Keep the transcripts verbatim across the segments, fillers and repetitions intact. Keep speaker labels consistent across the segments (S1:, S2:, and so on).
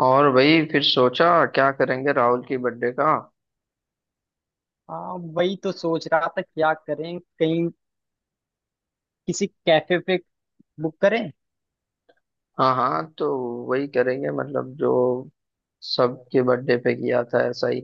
S1: और वही फिर सोचा क्या करेंगे राहुल की बर्थडे का।
S2: हाँ, वही तो सोच रहा था क्या करें। कहीं किसी कैफे पे बुक करें।
S1: हाँ हाँ, तो वही करेंगे मतलब जो सबके बर्थडे पे किया था ऐसा ही।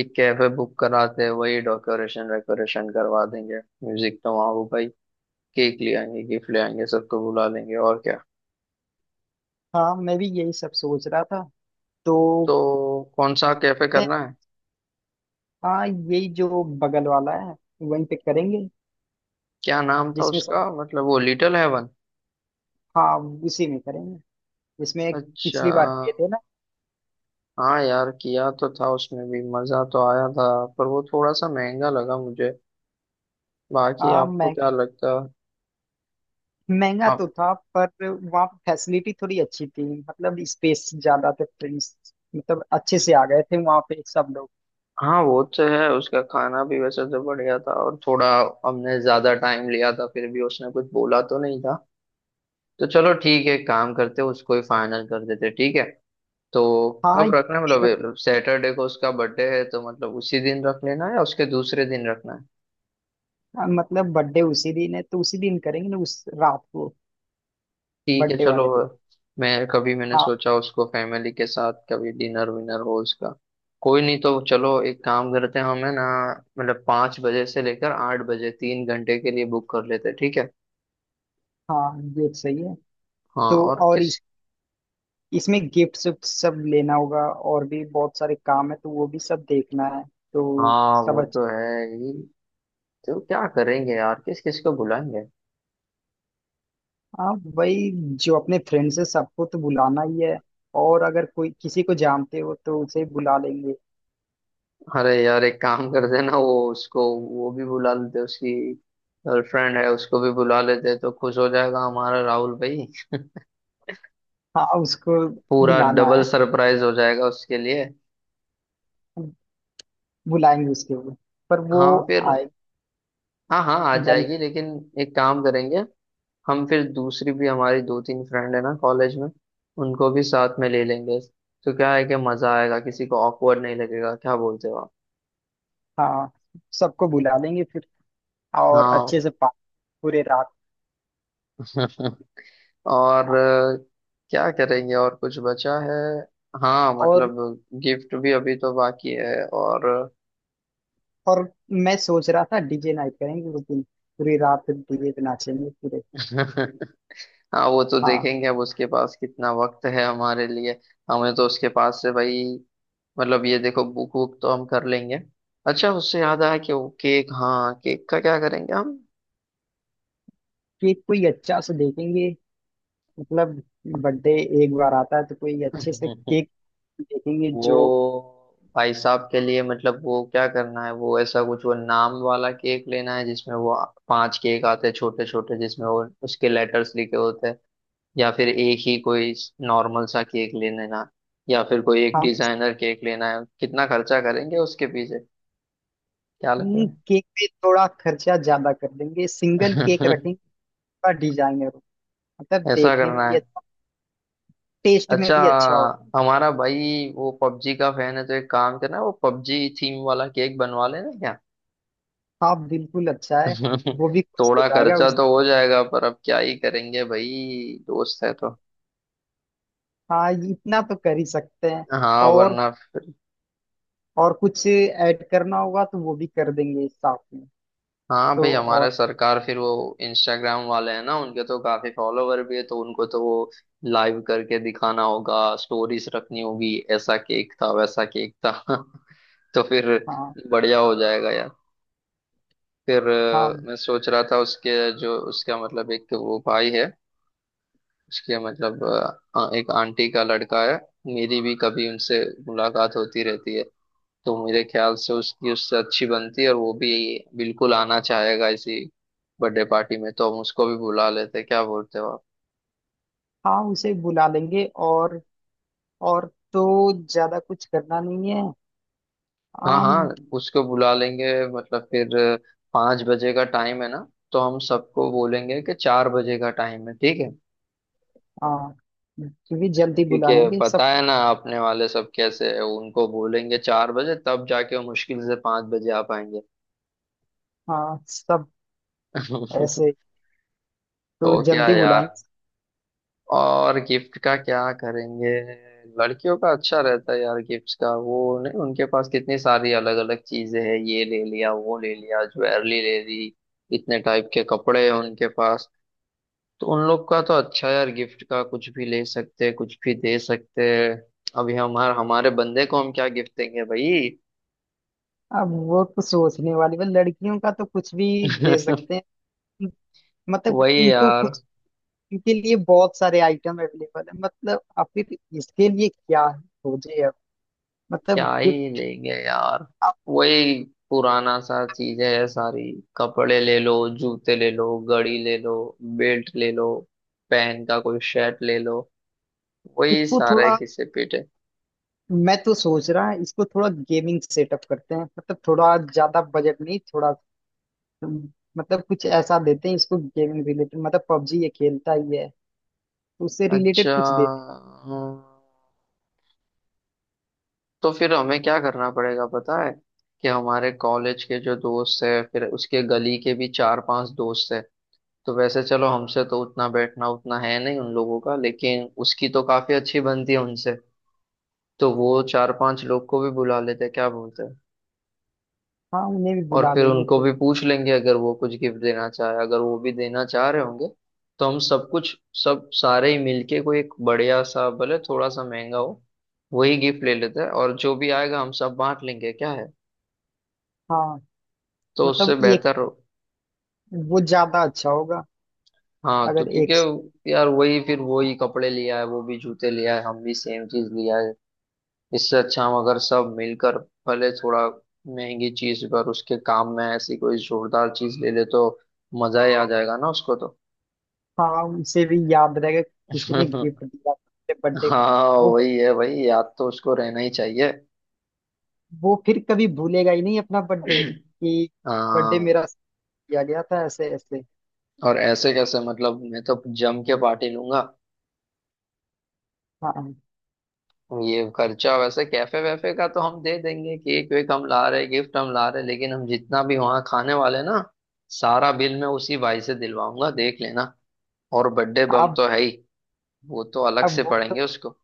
S1: एक कैफे बुक कराते, वही डेकोरेशन वेकोरेशन करवा देंगे, म्यूजिक तो वहाँ होगा ही, केक ले आएंगे, गिफ्ट ले आएंगे, सबको बुला लेंगे और क्या।
S2: हाँ, मैं भी यही सब सोच रहा था। तो
S1: तो कौन सा कैफे
S2: ते-
S1: करना है?
S2: हाँ, यही जो बगल वाला है वहीं पे करेंगे।
S1: क्या नाम था
S2: जिसमें सब।
S1: उसका, मतलब वो लिटिल हेवन।
S2: हाँ, उसी में करेंगे जिसमें
S1: अच्छा।
S2: पिछली बार किए थे ना।
S1: हाँ यार, किया तो था, उसमें भी मजा तो आया था, पर वो थोड़ा सा महंगा लगा मुझे। बाकी
S2: हाँ,
S1: आपको
S2: मह-
S1: क्या लगता है?
S2: महंगा तो
S1: आप।
S2: था पर वहाँ फैसिलिटी थोड़ी अच्छी थी। मतलब स्पेस ज्यादा थे फ्रेंड्स। मतलब अच्छे से आ गए थे वहाँ पे सब लोग।
S1: हाँ वो तो है, उसका खाना भी वैसे तो बढ़िया था, और थोड़ा हमने ज्यादा टाइम लिया था फिर भी उसने कुछ बोला तो नहीं था। तो चलो ठीक है, काम करते हैं, उसको ही फाइनल कर देते, ठीक है। तो
S2: हाँ,
S1: कब रखना है?
S2: फिर।
S1: मतलब सैटरडे को उसका बर्थडे है, तो मतलब उसी दिन रख लेना है या उसके दूसरे दिन रखना है?
S2: मतलब बर्थडे उसी दिन है तो उसी दिन करेंगे ना उस रात को।
S1: ठीक है
S2: बर्थडे
S1: चलो।
S2: वाले दिन।
S1: मैं कभी, मैंने
S2: हाँ।
S1: सोचा उसको फैमिली के साथ कभी डिनर विनर हो उसका। कोई नहीं, तो चलो एक काम करते हैं, हमें ना मतलब पाँच बजे से लेकर आठ बजे, तीन घंटे के लिए बुक कर लेते हैं, ठीक है।
S2: हाँ, ये तो सही है।
S1: हाँ
S2: तो
S1: और
S2: और
S1: किस।
S2: इस इसमें गिफ्ट सब सब लेना होगा। और भी बहुत सारे काम है तो वो भी सब देखना है। तो
S1: हाँ
S2: सब
S1: वो
S2: अच्छा।
S1: तो है ही। तो क्या करेंगे यार, किस किस को बुलाएंगे?
S2: हाँ, वही जो अपने फ्रेंड्स है सबको तो बुलाना ही है। और अगर कोई किसी को जानते हो तो उसे बुला लेंगे।
S1: अरे यार, एक काम करते हैं ना, वो उसको, वो भी बुला लेते हैं, उसकी गर्लफ्रेंड है उसको भी बुला लेते हैं, तो खुश हो जाएगा हमारा राहुल भाई।
S2: हाँ, उसको
S1: पूरा
S2: बुलाना
S1: डबल
S2: है।
S1: सरप्राइज हो जाएगा उसके लिए।
S2: बुलाएंगे उसके लिए। पर वो
S1: हाँ फिर।
S2: आए
S1: हाँ हाँ, आ
S2: या नहीं।
S1: जाएगी लेकिन एक काम करेंगे। हम फिर दूसरी भी, हमारी दो तीन फ्रेंड है ना कॉलेज में, उनको भी साथ में ले लेंगे। तो क्या है कि मजा आएगा, किसी को ऑकवर्ड नहीं लगेगा। क्या बोलते हो आप?
S2: हाँ, सबको बुला लेंगे फिर। और
S1: हाँ।
S2: अच्छे से पा- पूरे रात।
S1: और
S2: हाँ।
S1: अ, क्या करेंगे, और कुछ बचा है? हाँ
S2: और
S1: मतलब गिफ्ट भी अभी तो बाकी है और।
S2: और मैं सोच रहा था डीजे नाइट करेंगे उस दिन। पूरी रात डीजे पे नाचेंगे पूरे।
S1: हाँ वो तो
S2: हाँ।
S1: देखेंगे अब उसके पास कितना वक्त है हमारे लिए। हमें तो उसके पास से भाई मतलब ये देखो, बुक बुक तो हम कर लेंगे। अच्छा, उससे याद आया कि वो केक, हाँ केक का क्या करेंगे हम?
S2: केक कोई अच्छा से देखेंगे। मतलब बर्थडे एक बार आता है तो कोई अच्छे से केक देखेंगे
S1: वो
S2: जो
S1: भाई साहब के लिए मतलब वो क्या करना है, वो ऐसा कुछ वो नाम वाला केक लेना है जिसमें वो पांच केक आते हैं छोटे छोटे, जिसमें वो उसके लेटर्स लिखे होते हैं। या फिर एक ही कोई नॉर्मल सा केक ले लेना, या फिर कोई एक
S2: हम
S1: डिजाइनर केक लेना है। कितना खर्चा करेंगे उसके पीछे, क्या
S2: उन
S1: लगता
S2: केक पे थोड़ा खर्चा ज्यादा कर देंगे। सिंगल केक
S1: है?
S2: रखेंगे थोड़ा डिजाइनर हो। मतलब
S1: ऐसा
S2: देखने में
S1: करना
S2: भी
S1: है।
S2: अच्छा टेस्ट में
S1: अच्छा,
S2: भी अच्छा हो।
S1: हमारा भाई वो पबजी का फैन है, तो एक काम करना, वो पबजी थीम वाला केक बनवा लेना क्या।
S2: हाँ, बिल्कुल अच्छा है। वो भी खुश हो
S1: थोड़ा
S2: जाएगा
S1: खर्चा
S2: उस।
S1: तो हो जाएगा पर अब क्या ही करेंगे, भाई दोस्त है तो।
S2: हाँ, ये इतना तो कर ही सकते हैं।
S1: हाँ
S2: और
S1: वरना।
S2: और कुछ ऐड करना होगा तो वो भी कर देंगे साथ में।
S1: हाँ भाई,
S2: तो और।
S1: हमारे सरकार फिर वो इंस्टाग्राम वाले हैं ना, उनके तो काफी फॉलोवर भी है, तो उनको तो वो लाइव करके दिखाना होगा, स्टोरीज रखनी होगी, ऐसा केक था वैसा केक था। तो फिर
S2: हाँ,
S1: बढ़िया हो जाएगा यार। फिर अ,
S2: हाँ,
S1: मैं सोच रहा था उसके, जो उसका मतलब एक वो भाई है, उसके मतलब अ, एक आंटी का लड़का है। मेरी भी कभी उनसे मुलाकात होती रहती है, तो मेरे ख्याल से उसकी उससे अच्छी बनती है, और वो भी बिल्कुल आना चाहेगा इसी बर्थडे पार्टी में, तो हम उसको भी बुला लेते हैं। क्या बोलते हो आप?
S2: हाँ, उसे बुला लेंगे और और तो ज्यादा कुछ करना नहीं है।
S1: हाँ हाँ,
S2: आम।
S1: उसको बुला लेंगे। मतलब फिर पाँच बजे का टाइम है ना, तो हम सबको बोलेंगे कि चार बजे का टाइम है, ठीक है।
S2: हाँ, क्योंकि जल्दी
S1: क्योंकि
S2: बुलाएंगे सब।
S1: पता है ना अपने वाले सब कैसे है, उनको बोलेंगे चार बजे, तब जाके वो मुश्किल से पाँच बजे आ पाएंगे।
S2: हाँ, सब ऐसे तो
S1: तो क्या
S2: जल्दी
S1: यार,
S2: बुलाएंगे।
S1: और गिफ्ट का क्या करेंगे? लड़कियों का अच्छा रहता है यार गिफ्ट्स का, वो नहीं, उनके पास कितनी सारी अलग अलग चीजें हैं, ये ले लिया वो ले लिया, ज्वेलरी ले ली, इतने टाइप के कपड़े हैं उनके पास। तो उन लोग का तो अच्छा यार, गिफ्ट का कुछ भी ले सकते हैं, कुछ भी दे सकते हैं। अभी हमारे हमारे बंदे को हम क्या गिफ्ट देंगे भाई?
S2: अब वो तो सोचने वाली बात। लड़कियों का तो कुछ भी दे सकते हैं। मतलब
S1: वही
S2: इनको
S1: यार,
S2: कुछ इनके लिए बहुत सारे आइटम अवेलेबल है। मतलब आखिर इसके लिए क्या है खोजे अब। मतलब
S1: क्या ही
S2: गिफ्ट
S1: लेंगे यार, वही पुराना सा चीज है सारी। कपड़े ले लो, जूते ले लो, घड़ी ले लो, बेल्ट ले लो, पेन का कोई शर्ट ले लो, वही
S2: इसको
S1: सारा है,
S2: थोड़ा,
S1: किसे पीटे।
S2: मैं तो सोच रहा है इसको थोड़ा गेमिंग सेटअप करते हैं। मतलब थोड़ा ज्यादा बजट नहीं थोड़ा हम्म, मतलब कुछ ऐसा देते हैं इसको गेमिंग रिलेटेड। मतलब पबजी ये खेलता ही है तो उससे
S1: अच्छा।
S2: रिलेटेड कुछ देते
S1: हम्म, तो फिर हमें क्या करना पड़ेगा पता है, कि हमारे कॉलेज के जो दोस्त है, फिर उसके गली के भी चार पांच दोस्त है, तो वैसे चलो हमसे तो उतना बैठना उतना है नहीं उन लोगों का, लेकिन उसकी तो काफी अच्छी बनती है उनसे, तो वो चार पांच लोग को भी बुला लेते हैं, क्या बोलते हैं।
S2: हैं। हाँ, उन्हें भी
S1: और
S2: बुला
S1: फिर
S2: देंगे
S1: उनको
S2: फिर।
S1: भी पूछ लेंगे, अगर वो कुछ गिफ्ट देना चाहे, अगर वो भी देना चाह रहे होंगे, तो हम सब कुछ, सब सारे ही मिलके कोई एक बढ़िया सा, भले थोड़ा सा महंगा हो, वही गिफ्ट ले लेते हैं, और जो भी आएगा हम सब बांट लेंगे, क्या है।
S2: हाँ,
S1: तो उससे
S2: मतलब एक
S1: बेहतर हो।
S2: वो ज्यादा अच्छा होगा
S1: हाँ तो
S2: अगर एक।
S1: क्योंकि यार, वही फिर वही कपड़े लिया है, वो भी जूते लिया है, हम भी सेम चीज लिया है। इससे अच्छा हम अगर सब मिलकर, भले थोड़ा महंगी चीज पर उसके काम में ऐसी कोई जोरदार चीज ले ले, तो मजा ही आ जाएगा ना उसको तो।
S2: हाँ, उसे भी याद रहेगा किसी ने गिफ्ट दिया बर्थडे।
S1: हाँ
S2: वो
S1: वही है भाई, याद तो उसको रहना ही चाहिए।
S2: वो फिर कभी भूलेगा ही नहीं अपना बर्थडे कि बर्थडे
S1: हाँ
S2: मेरा किया गया था ऐसे ऐसे।
S1: और ऐसे कैसे, मतलब मैं तो जम के पार्टी लूंगा।
S2: हाँ।
S1: ये खर्चा वैसे कैफे वैफे का तो हम दे देंगे, केक वेक हम ला रहे, गिफ्ट हम ला रहे, लेकिन हम जितना भी वहाँ खाने वाले ना, सारा बिल मैं उसी भाई से दिलवाऊंगा, देख लेना। और बर्थडे बम
S2: अब
S1: तो है ही, वो तो अलग से
S2: अब वो
S1: पढ़ेंगे उसको।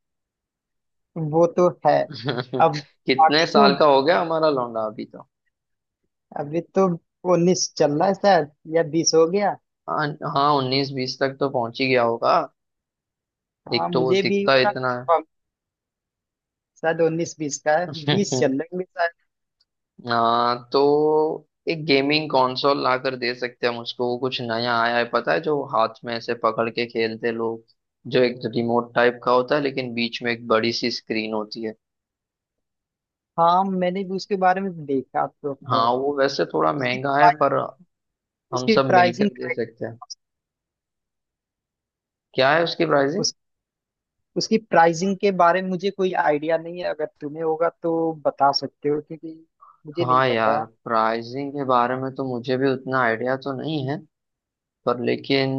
S2: वो तो है। अब
S1: कितने
S2: अभी तो
S1: साल का हो गया हमारा लौंडा अभी तो?
S2: अभी तो उन्नीस चल रहा है शायद या बीस हो गया।
S1: हाँ, हाँ उन्नीस बीस तक तो पहुंच ही गया होगा। एक
S2: हाँ,
S1: तो वो
S2: मुझे भी
S1: दिखता
S2: उतना
S1: इतना है।
S2: कंफर्म। शायद उन्नीस बीस का है बीस चल रहे होंगे शायद।
S1: हाँ तो एक गेमिंग कंसोल ला कर दे सकते हैं हम उसको, वो कुछ नया आया है पता है, जो हाथ में ऐसे पकड़ के खेलते लोग, जो एक रिमोट टाइप का होता है लेकिन बीच में एक बड़ी सी स्क्रीन होती है।
S2: हाँ, मैंने भी उसके बारे में देखा तो है।
S1: हाँ वो वैसे थोड़ा
S2: उसकी
S1: महंगा है
S2: प्राइ-
S1: पर हम
S2: उसकी
S1: सब
S2: प्राइसिंग
S1: मिलकर दे सकते हैं। क्या है उसकी प्राइस?
S2: उस, उसकी प्राइसिंग के बारे में मुझे कोई आइडिया नहीं है। अगर तुम्हें होगा तो बता सकते हो क्योंकि मुझे नहीं
S1: हाँ
S2: पता।
S1: यार, प्राइसिंग के बारे में तो मुझे भी उतना आइडिया तो नहीं है, पर लेकिन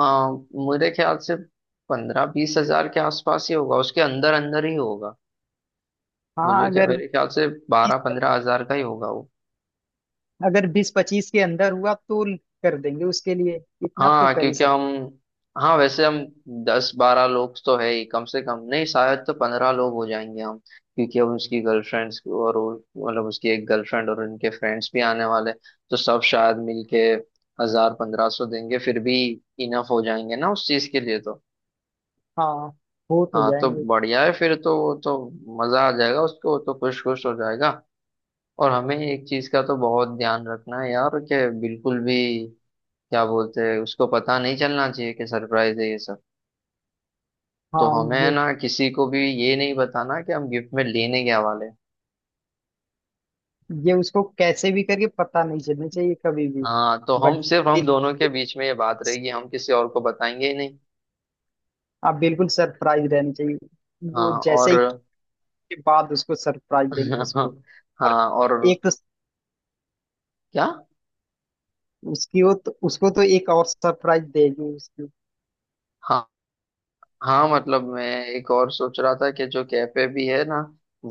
S1: आ, मेरे ख्याल से पंद्रह बीस हजार के आसपास ही होगा, उसके अंदर अंदर ही होगा।
S2: हाँ,
S1: मुझे क्या,
S2: अगर
S1: मेरे ख्याल से बारह पंद्रह हजार का ही होगा।
S2: अगर बीस पच्चीस के अंदर हुआ तो कर देंगे उसके लिए। इतना तो
S1: हाँ
S2: कर ही।
S1: क्योंकि हम, हाँ वैसे हम दस बारह लोग तो है ही कम से कम, नहीं शायद तो पंद्रह लोग हो जाएंगे हम, क्योंकि अब उसकी गर्लफ्रेंड्स और वो- मतलब उसकी एक गर्लफ्रेंड और उनके फ्रेंड्स भी आने वाले, तो सब शायद मिलके हजार पंद्रह सौ देंगे फिर भी, इनफ हो जाएंगे ना उस चीज के लिए तो।
S2: हाँ, हो तो
S1: हाँ तो
S2: जाएंगे।
S1: बढ़िया है फिर तो, वो तो मजा आ जाएगा उसको, वो तो खुश खुश हो जाएगा। और हमें एक चीज का तो बहुत ध्यान रखना है यार कि बिल्कुल भी, क्या बोलते हैं, उसको पता नहीं चलना चाहिए कि सरप्राइज है ये सब। तो
S2: हाँ,
S1: हमें
S2: ये
S1: ना किसी को भी ये नहीं बताना कि हम गिफ्ट में लेने क्या वाले हैं।
S2: ये उसको कैसे भी करके पता नहीं चलना चाहिए कभी भी।
S1: हाँ तो हम
S2: बट
S1: सिर्फ हम दोनों के बीच में ये बात रहेगी, हम किसी और को बताएंगे ही नहीं।
S2: आप बिल्कुल सरप्राइज रहनी चाहिए।
S1: हाँ
S2: वो जैसे
S1: और।
S2: ही के बाद उसको सरप्राइज देंगे उसको। और
S1: हाँ और
S2: एक तो
S1: क्या।
S2: उसकी वो तो उसको तो एक और सरप्राइज देगी उसकी।
S1: हाँ मतलब मैं एक और सोच रहा था कि जो कैफे भी है ना,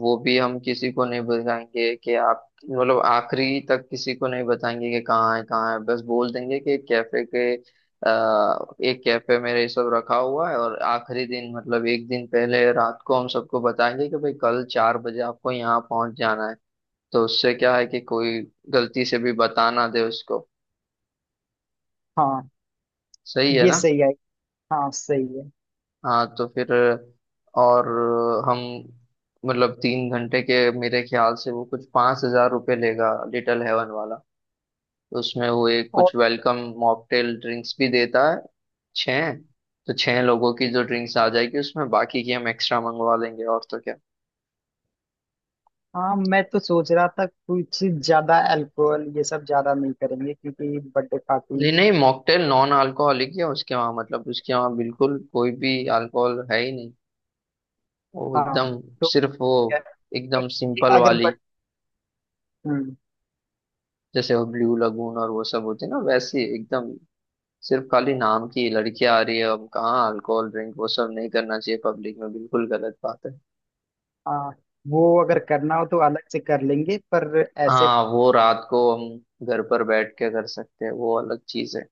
S1: वो भी हम किसी को नहीं बताएंगे कि आप, मतलब आखिरी तक किसी को नहीं बताएंगे कि कहाँ है कहाँ है, बस बोल देंगे कि कैफे के आ, एक कैफे में ये सब रखा हुआ है, और आखिरी दिन मतलब एक दिन पहले रात को हम सबको बताएंगे कि भाई कल चार बजे आपको यहाँ पहुंच जाना है। तो उससे क्या है कि कोई गलती से भी बता ना दे उसको।
S2: हाँ,
S1: सही है
S2: ये
S1: ना?
S2: सही है। हाँ, सही है।
S1: हाँ तो फिर और हम, मतलब तीन घंटे के मेरे ख्याल से वो कुछ पाँच हजार रुपये लेगा लिटिल हेवन वाला। तो उसमें वो एक
S2: और
S1: कुछ वेलकम मॉकटेल ड्रिंक्स भी देता है छः, तो छः लोगों की जो ड्रिंक्स आ जाएगी उसमें बाकी की हम एक्स्ट्रा मंगवा लेंगे, और तो क्या।
S2: हाँ, मैं तो सोच रहा था कुछ ज्यादा अल्कोहल ये सब ज्यादा नहीं करेंगे क्योंकि बर्थडे पार्टी।
S1: नहीं नहीं, मॉकटेल नॉन अल्कोहलिक है उसके वहाँ, मतलब उसके वहाँ बिल्कुल कोई भी अल्कोहल है ही नहीं, वो
S2: हाँ,
S1: एकदम,
S2: तो
S1: सिर्फ वो
S2: क्या-
S1: एकदम सिंपल
S2: अगर
S1: वाली,
S2: बट हम्म।
S1: जैसे वो ब्लू लगून और वो सब होते हैं ना वैसी एकदम। सिर्फ खाली नाम की लड़कियां आ रही है अब कहाँ अल्कोहल ड्रिंक, वो सब नहीं करना चाहिए पब्लिक में, बिल्कुल गलत बात है।
S2: हाँ, वो अगर करना हो तो अलग से कर लेंगे पर ऐसे।
S1: हाँ वो रात को हम घर पर बैठ के कर सकते हैं, वो अलग चीज है।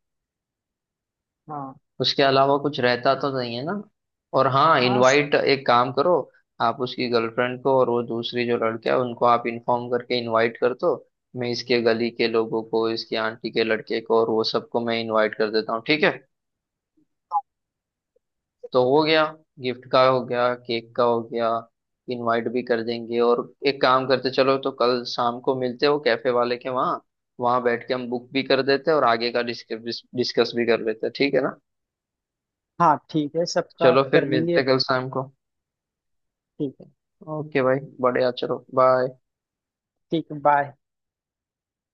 S2: हाँ।
S1: उसके अलावा कुछ रहता तो नहीं है ना। और हाँ
S2: हाँ स-
S1: इनवाइट, एक काम करो, आप उसकी गर्लफ्रेंड को और वो दूसरी जो लड़का है उनको आप इन्फॉर्म करके इनवाइट कर दो। मैं इसके गली के लोगों को, इसकी आंटी के लड़के को, और वो सबको मैं इनवाइट कर देता हूँ, ठीक है। तो हो गया, गिफ्ट का हो गया, केक का हो गया, इनवाइट भी कर देंगे, और एक काम करते, चलो तो कल शाम को मिलते हो कैफे वाले के वहाँ, वहाँ बैठ के हम बुक भी कर देते हैं और आगे का डिस्कस डिस्कस भी कर लेते हैं, ठीक है ना।
S2: हाँ, ठीक है सबका
S1: चलो फिर
S2: कर
S1: मिलते
S2: लेंगे।
S1: हैं कल शाम को।
S2: ठीक है।
S1: ओके भाई, बढ़िया, चलो बाय।
S2: ठीक है, बाय।